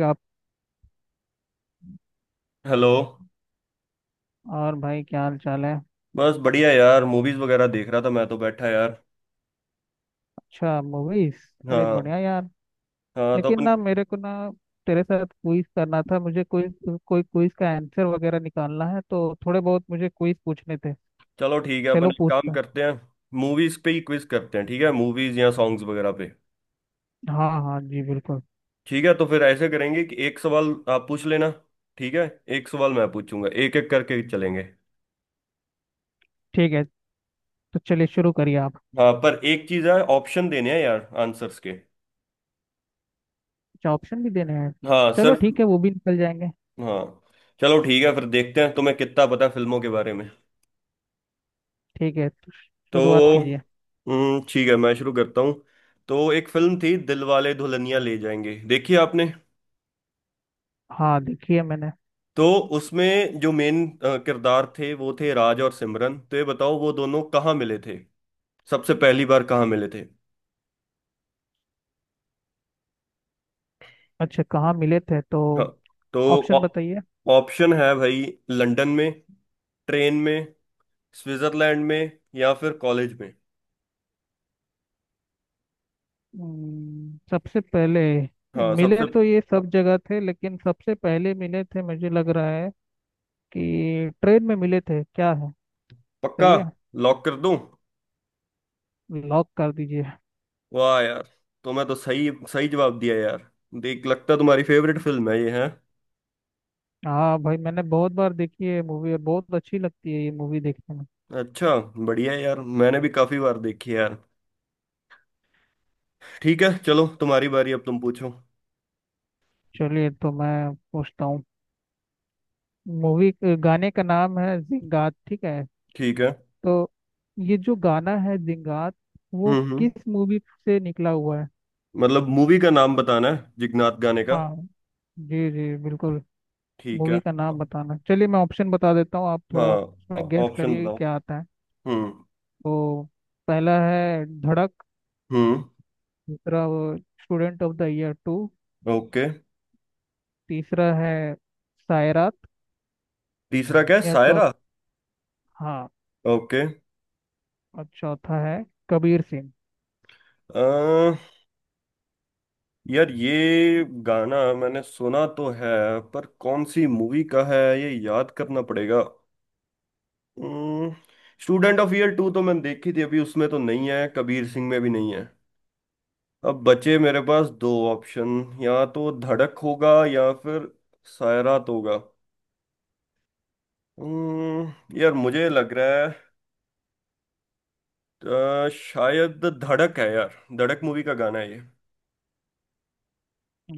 आप। हेलो। और भाई क्या हाल चाल है। बस बढ़िया यार, मूवीज वगैरह देख रहा था मैं तो बैठा यार। अच्छा मूवीज। अरे हाँ। बढ़िया यार। हाँ तो लेकिन अपन, ना मेरे को ना तेरे साथ क्विज करना था। मुझे कोई कोई क्विज का आंसर वगैरह निकालना है, तो थोड़े बहुत मुझे क्विज पूछने थे। चलो ठीक है, अपन चलो एक काम पूछता करते हैं, मूवीज पे ही क्विज करते हैं। ठीक है, मूवीज या सॉन्ग्स वगैरह पे। हूं। हाँ हाँ जी, बिल्कुल ठीक है, तो फिर ऐसे करेंगे कि एक सवाल आप पूछ लेना। ठीक है, एक सवाल मैं पूछूंगा, एक एक करके चलेंगे। ठीक है। तो चलिए शुरू करिए आप। हाँ, पर एक चीज है, ऑप्शन देने हैं यार आंसर्स के। अच्छा, ऑप्शन भी देने हैं। हाँ, चलो सिर्फ। ठीक है, वो भी निकल जाएंगे। हाँ। चलो ठीक है, फिर देखते हैं तुम्हें कितना पता है फिल्मों के बारे में। ठीक है, तो तो शुरुआत कीजिए। ठीक है, मैं शुरू करता हूँ। तो एक फिल्म थी दिलवाले दुल्हनिया ले जाएंगे, देखी आपने? हाँ देखिए, मैंने। तो उसमें जो मेन किरदार थे वो थे राज और सिमरन, तो ये बताओ वो दोनों कहाँ मिले थे? सबसे पहली बार कहाँ मिले थे? अच्छा, कहाँ मिले थे तो हाँ। तो ऑ- ऑप्शन बताइए। ऑप्शन है भाई, लंदन में, ट्रेन में, स्विट्जरलैंड में या फिर कॉलेज में। सबसे पहले हाँ, मिले सबसे। तो ये सब जगह थे, लेकिन सबसे पहले मिले थे मुझे लग रहा है कि ट्रेन में मिले थे। क्या है पक्का? सही है? लॉक कर दूं? लॉक कर दीजिए। वाह यार, तो मैं तो सही सही जवाब दिया यार। देख, लगता है तुम्हारी फेवरेट फिल्म है ये है। हाँ भाई, मैंने बहुत बार देखी है मूवी, और बहुत अच्छी लगती है ये मूवी देखने में। अच्छा। बढ़िया है यार, मैंने भी काफी बार देखी है यार। ठीक है, चलो तुम्हारी बारी, अब तुम पूछो। चलिए तो मैं पूछता हूँ। मूवी गाने का नाम है जिंगात, ठीक है। ठीक है। तो ये जो गाना है जिंगात, वो हम्म। किस मूवी से निकला हुआ है? मतलब मूवी का नाम बताना है जिगनाथ गाने का? हाँ जी जी, बिल्कुल। ठीक है मूवी का नाम हाँ। बताना, चलिए मैं ऑप्शन बता देता हूँ, आप थोड़ा उसमें गेस ऑप्शन करिए कि बताओ। क्या आता है। हम्म। तो पहला है धड़क। हम्म। दूसरा वो student of the year two. Okay. तीसरा है सायरात तीसरा क्या है, या चौथ। सायरा? हाँ, ओके। और चौथा है कबीर सिंह। अ यार ये गाना मैंने सुना तो है, पर कौन सी मूवी का है ये याद करना पड़ेगा। स्टूडेंट ऑफ ईयर 2 तो मैंने देखी थी अभी, उसमें तो नहीं है, कबीर सिंह में भी नहीं है। अब बचे मेरे पास दो ऑप्शन, या तो धड़क होगा या फिर सायरात होगा। यार मुझे लग रहा है शायद धड़क है यार, धड़क मूवी का गाना है ये।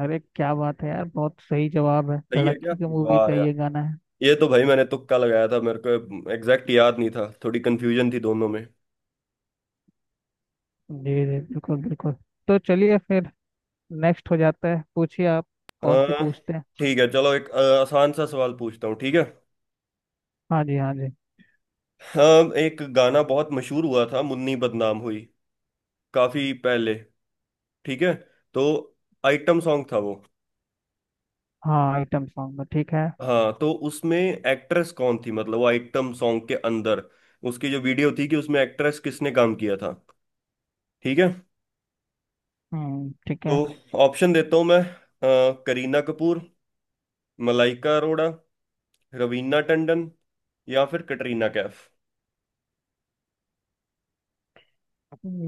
अरे क्या बात है यार, बहुत सही जवाब है, सही है धड़क क्या? की तो मूवी का वाह यार। ये गाना है। ये तो भाई मैंने तुक्का लगाया था, मेरे को एग्जैक्ट याद नहीं था, थोड़ी कंफ्यूजन थी दोनों में। जी जी बिल्कुल बिल्कुल। तो चलिए फिर नेक्स्ट हो जाता है, पूछिए आप। अ, कौन सी पूछते हैं? ठीक है चलो, एक आसान सा सवाल पूछता हूँ। ठीक है हाँ जी हाँ जी। हाँ, एक गाना बहुत मशहूर हुआ था, मुन्नी बदनाम हुई, काफी पहले, ठीक है? तो आइटम सॉन्ग था वो। हाँ आइटम सॉन्ग में। ठीक है। हाँ, तो उसमें एक्ट्रेस कौन थी, मतलब वो आइटम सॉन्ग के अंदर उसकी जो वीडियो थी, कि उसमें एक्ट्रेस किसने काम किया था? ठीक है, हम्म, ठीक है। तो ऑप्शन देता हूँ मैं, करीना कपूर, मलाइका अरोड़ा, रवीना टंडन या फिर कटरीना कैफ।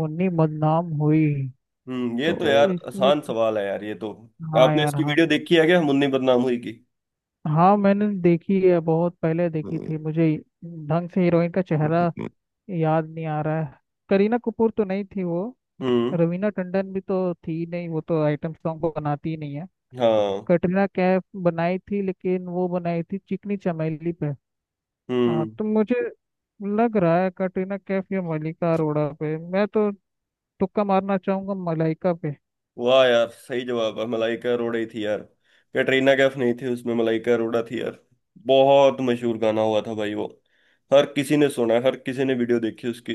मुन्नी बदनाम हुई, ये तो तो यार इसमें आसान सवाल है यार ये तो। हाँ आपने यार इसकी हाँ। वीडियो देखी है क्या, मुन्नी बदनाम हुई की? हाँ मैंने देखी है, बहुत पहले देखी हम्म। थी मुझे। ढंग से हीरोइन का चेहरा याद नहीं आ रहा है। करीना कपूर तो नहीं थी वो। हम्म। रवीना टंडन भी तो थी नहीं, वो तो आइटम सॉन्ग को बनाती ही नहीं है। हाँ। कटरीना कैफ बनाई थी, लेकिन वो बनाई थी चिकनी चमेली पे। हाँ, हम्म। तो मुझे लग रहा है कटरीना कैफ या मलाइका अरोड़ा पे मैं तो तुक्का मारना चाहूंगा मलाइका पे। वाह यार, सही जवाब है, मलाइका अरोड़ा ही थी यार। कैटरीना कैफ नहीं थी, उसमें मलाइका अरोड़ा थी यार। बहुत मशहूर गाना हुआ था भाई वो, हर किसी ने सुना है, हर किसी ने वीडियो देखी उसकी।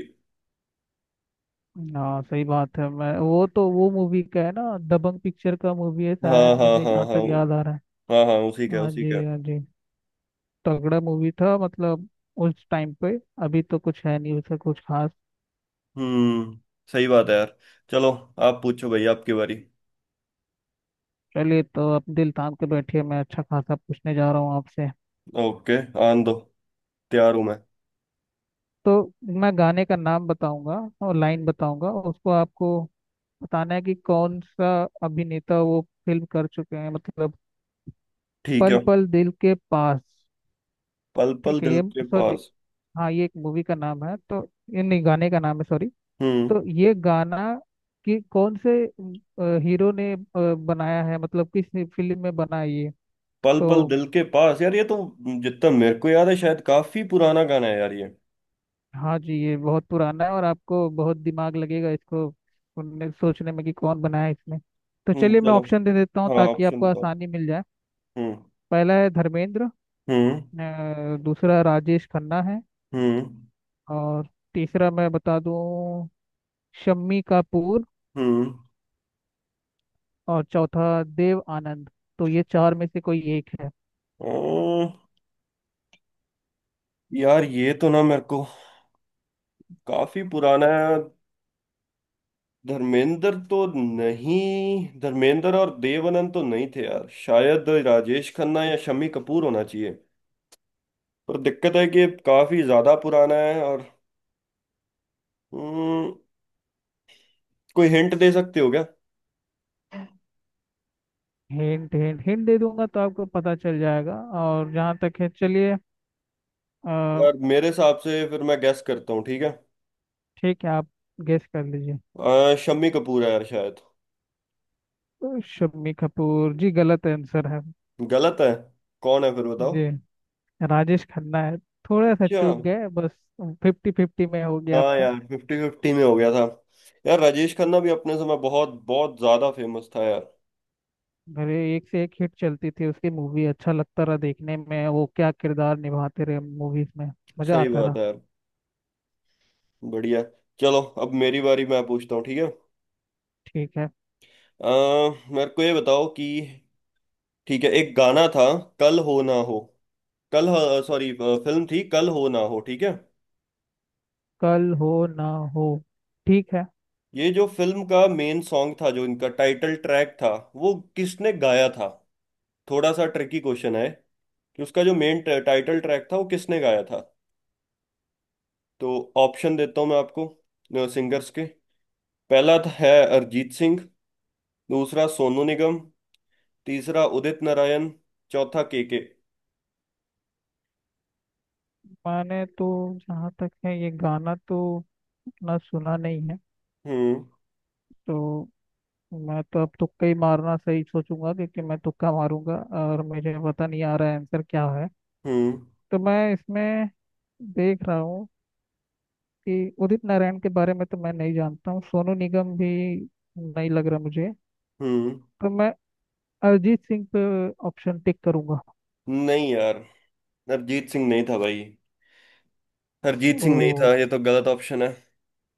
हाँ सही बात है। मैं, वो तो वो मूवी का है ना, दबंग पिक्चर का मूवी है हाँ शायद, हाँ मुझे हाँ जहाँ हाँ, तक याद आ रहा है। हाँ हाँ, उसी का हाँ उसी का। जी हाँ जी। तगड़ा मूवी था मतलब उस टाइम पे, अभी तो कुछ है नहीं उसका कुछ खास। हम्म सही बात है यार। चलो, आप पूछो भाई, आपकी बारी। चलिए, तो अब दिल थाम के बैठिए, मैं अच्छा खासा पूछने जा रहा हूँ आपसे। ओके, आन दो, तैयार हूं मैं। तो मैं गाने का नाम बताऊंगा और लाइन बताऊंगा, उसको आपको बताना है कि कौन सा अभिनेता वो फिल्म कर चुके हैं मतलब। ठीक पल है। पल दिल के पास, पल पल ठीक है। दिल ये के सॉरी, पास। हाँ ये एक मूवी का नाम है, तो ये नहीं, गाने का नाम है सॉरी। हम्म। तो ये गाना कि कौन से हीरो ने बनाया है, मतलब किस फिल्म में बना है ये। पल पल तो दिल के पास, यार ये तो, जितना मेरे को याद है, शायद काफी पुराना गाना है यार ये। हाँ जी, ये बहुत पुराना है, और आपको बहुत दिमाग लगेगा इसको उनने सोचने में कि कौन बनाया है इसमें। तो चलिए मैं चलो। ऑप्शन दे देता हूँ, हाँ ताकि ऑप्शन आपको बताओ। आसानी मिल जाए। हम्म। पहला है धर्मेंद्र। हम्म। दूसरा राजेश खन्ना है। हम्म। और तीसरा मैं बता दूँ, शम्मी कपूर। हम्म। और चौथा देव आनंद। तो ये चार में से कोई एक है। ओ, यार ये तो ना मेरे को, काफी पुराना है। धर्मेंद्र तो नहीं, धर्मेंद्र और देव तो नहीं थे यार, शायद राजेश खन्ना या शम्मी कपूर होना चाहिए। पर दिक्कत है कि ये काफी ज्यादा पुराना है और, हम्म, कोई हिंट दे सकते हो क्या? हिंट हिंट, हिंट दे दूंगा तो आपको पता चल जाएगा। और जहाँ तक है, चलिए। अ, यार मेरे हिसाब से फिर मैं गेस करता हूँ, ठीक है? ठीक है, आप गेस कर लीजिए। शम्मी कपूर है यार शायद। शम्मी कपूर जी, गलत आंसर है। गलत है? कौन है फिर, बताओ। जी, राजेश खन्ना है। थोड़ा सा अच्छा। चूक गए बस। फिफ्टी फिफ्टी में हो गया हाँ आपका। यार, 50-50 में हो गया था। यार राजेश खन्ना भी अपने समय बहुत बहुत ज्यादा फेमस था यार। अरे, एक से एक हिट चलती थी उसकी मूवी, अच्छा लगता रहा देखने में, वो क्या किरदार निभाते रहे मूवीज में, मजा सही आता बात रहा। है यार, बढ़िया। चलो, अब मेरी बारी, मैं पूछता हूँ ठीक है? ठीक है। अ, मेरे को ये बताओ कि, ठीक है, एक गाना था कल हो ना हो, कल, सॉरी फिल्म थी कल हो ना हो, ठीक है? कल हो ना हो, ठीक है। ये जो फिल्म का मेन सॉन्ग था, जो इनका टाइटल ट्रैक था, वो किसने गाया था? थोड़ा सा ट्रिकी क्वेश्चन है कि उसका जो मेन टाइटल ट्रैक था, वो किसने गाया था? तो ऑप्शन देता हूँ मैं आपको, सिंगर्स के। है, अरिजीत सिंह, दूसरा सोनू निगम, तीसरा उदित नारायण, चौथा केके। मैंने तो जहाँ तक है, ये गाना तो उतना सुना नहीं है। हम्म। तो मैं तो अब तुक्का ही मारना सही सोचूंगा, क्योंकि मैं तुक्का मारूंगा और मुझे पता नहीं आ रहा है आंसर क्या है। हम्म। तो मैं इसमें देख रहा हूँ कि उदित नारायण के बारे में तो मैं नहीं जानता हूँ, सोनू निगम भी नहीं लग रहा मुझे। हम्म। तो मैं अरिजीत सिंह पे ऑप्शन टिक करूंगा। नहीं यार, अरिजीत सिंह नहीं था भाई। अरिजीत ओ, सिंह नहीं था, ये तो गलत ऑप्शन है।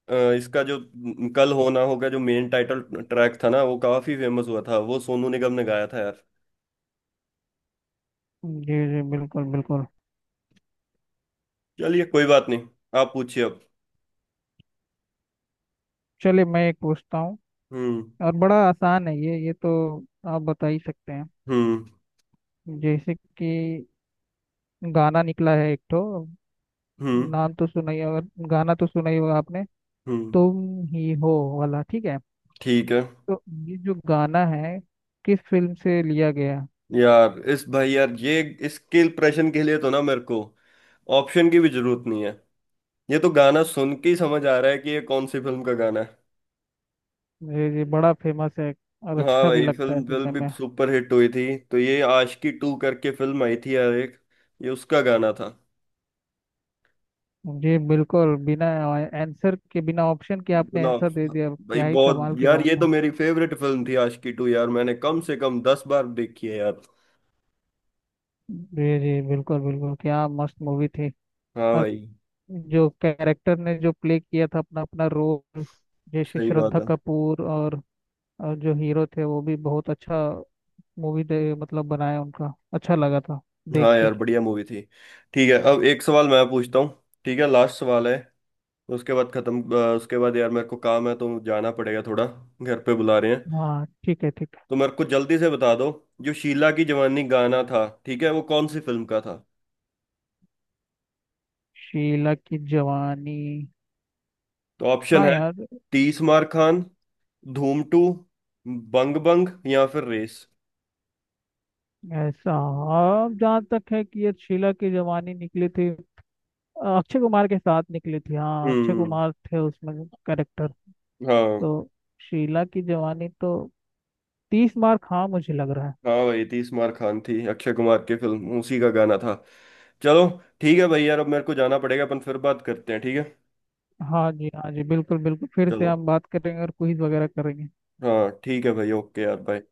अ, इसका जो न- कल होना होगा जो मेन टाइटल ट्रैक था ना, वो काफी फेमस हुआ था, वो सोनू निगम ने गाया था यार। जी जी बिल्कुल बिल्कुल। चलिए कोई बात नहीं, आप पूछिए अब। चलिए, मैं एक पूछता हूँ, हम्म। और बड़ा आसान है ये तो आप बता ही सकते हैं। हम्म। जैसे कि गाना निकला है एक, तो हम्म। नाम तो सुना ही, अगर गाना तो सुना ही होगा आपने। हम्म। तुम ही हो वाला, ठीक है। ठीक है। तो ये जो गाना है, किस फिल्म से लिया गया? यार इस भाई यार ये, इसके इम्प्रेशन के लिए तो ना मेरे को ऑप्शन की भी जरूरत नहीं है, ये तो गाना सुन के ही समझ आ रहा है कि ये कौन सी फिल्म का गाना है। ये बड़ा फेमस है, और हाँ अच्छा भी भाई, लगता है फिल्म फिल्म सुनने भी में। सुपर हिट हुई थी, तो ये आशिकी 2 करके फिल्म आई थी यार एक, ये उसका गाना था। जी बिल्कुल, बिना आंसर के, बिना ऑप्शन के आपने इतना, आंसर दे दिया, भाई क्या ही बहुत कमाल की यार, ये बात तो है। मेरी फेवरेट फिल्म थी आशिकी 2 यार, मैंने कम से कम 10 बार देखी है यार। जी जी बिल्कुल बिल्कुल, क्या मस्त मूवी थी। हाँ और भाई। जो कैरेक्टर ने जो प्ले किया था अपना अपना रोल, जैसे सही बात श्रद्धा है। कपूर, और जो हीरो थे वो भी बहुत अच्छा मूवी दे, मतलब बनाया, उनका अच्छा लगा था देख हाँ के। यार बढ़िया मूवी थी। ठीक है, अब एक सवाल मैं पूछता हूँ, ठीक है, लास्ट सवाल है, उसके बाद खत्म। उसके बाद यार मेरे को काम है तो जाना पड़ेगा थोड़ा, घर पे बुला रहे हैं। हाँ ठीक है ठीक है। तो मेरे को जल्दी से बता दो, जो शीला की जवानी गाना था, ठीक है, वो कौन सी फिल्म का था? शीला की जवानी, तो ऑप्शन हाँ है, यार। तीस मार खान, धूम 2, बंग बंग या फिर रेस। ऐसा, हाँ जहाँ तक है कि ये शीला की जवानी निकली थी, अक्षय कुमार के साथ निकली थी, हाँ अक्षय हम्म। कुमार थे उसमें कैरेक्टर। हाँ। तो शीला की जवानी तो तीस मार खा, मुझे लग रहा है। हाँ भाई, तीस मार खान थी, अक्षय कुमार की फिल्म, उसी का गाना था। चलो, ठीक है भाई, यार अब मेरे को जाना पड़ेगा, अपन फिर बात करते हैं ठीक है? हाँ जी हाँ जी, बिल्कुल बिल्कुल। फिर से चलो। हम बात करेंगे और क्विज वगैरह करेंगे। हाँ ठीक है भाई, ओके यार, बाय।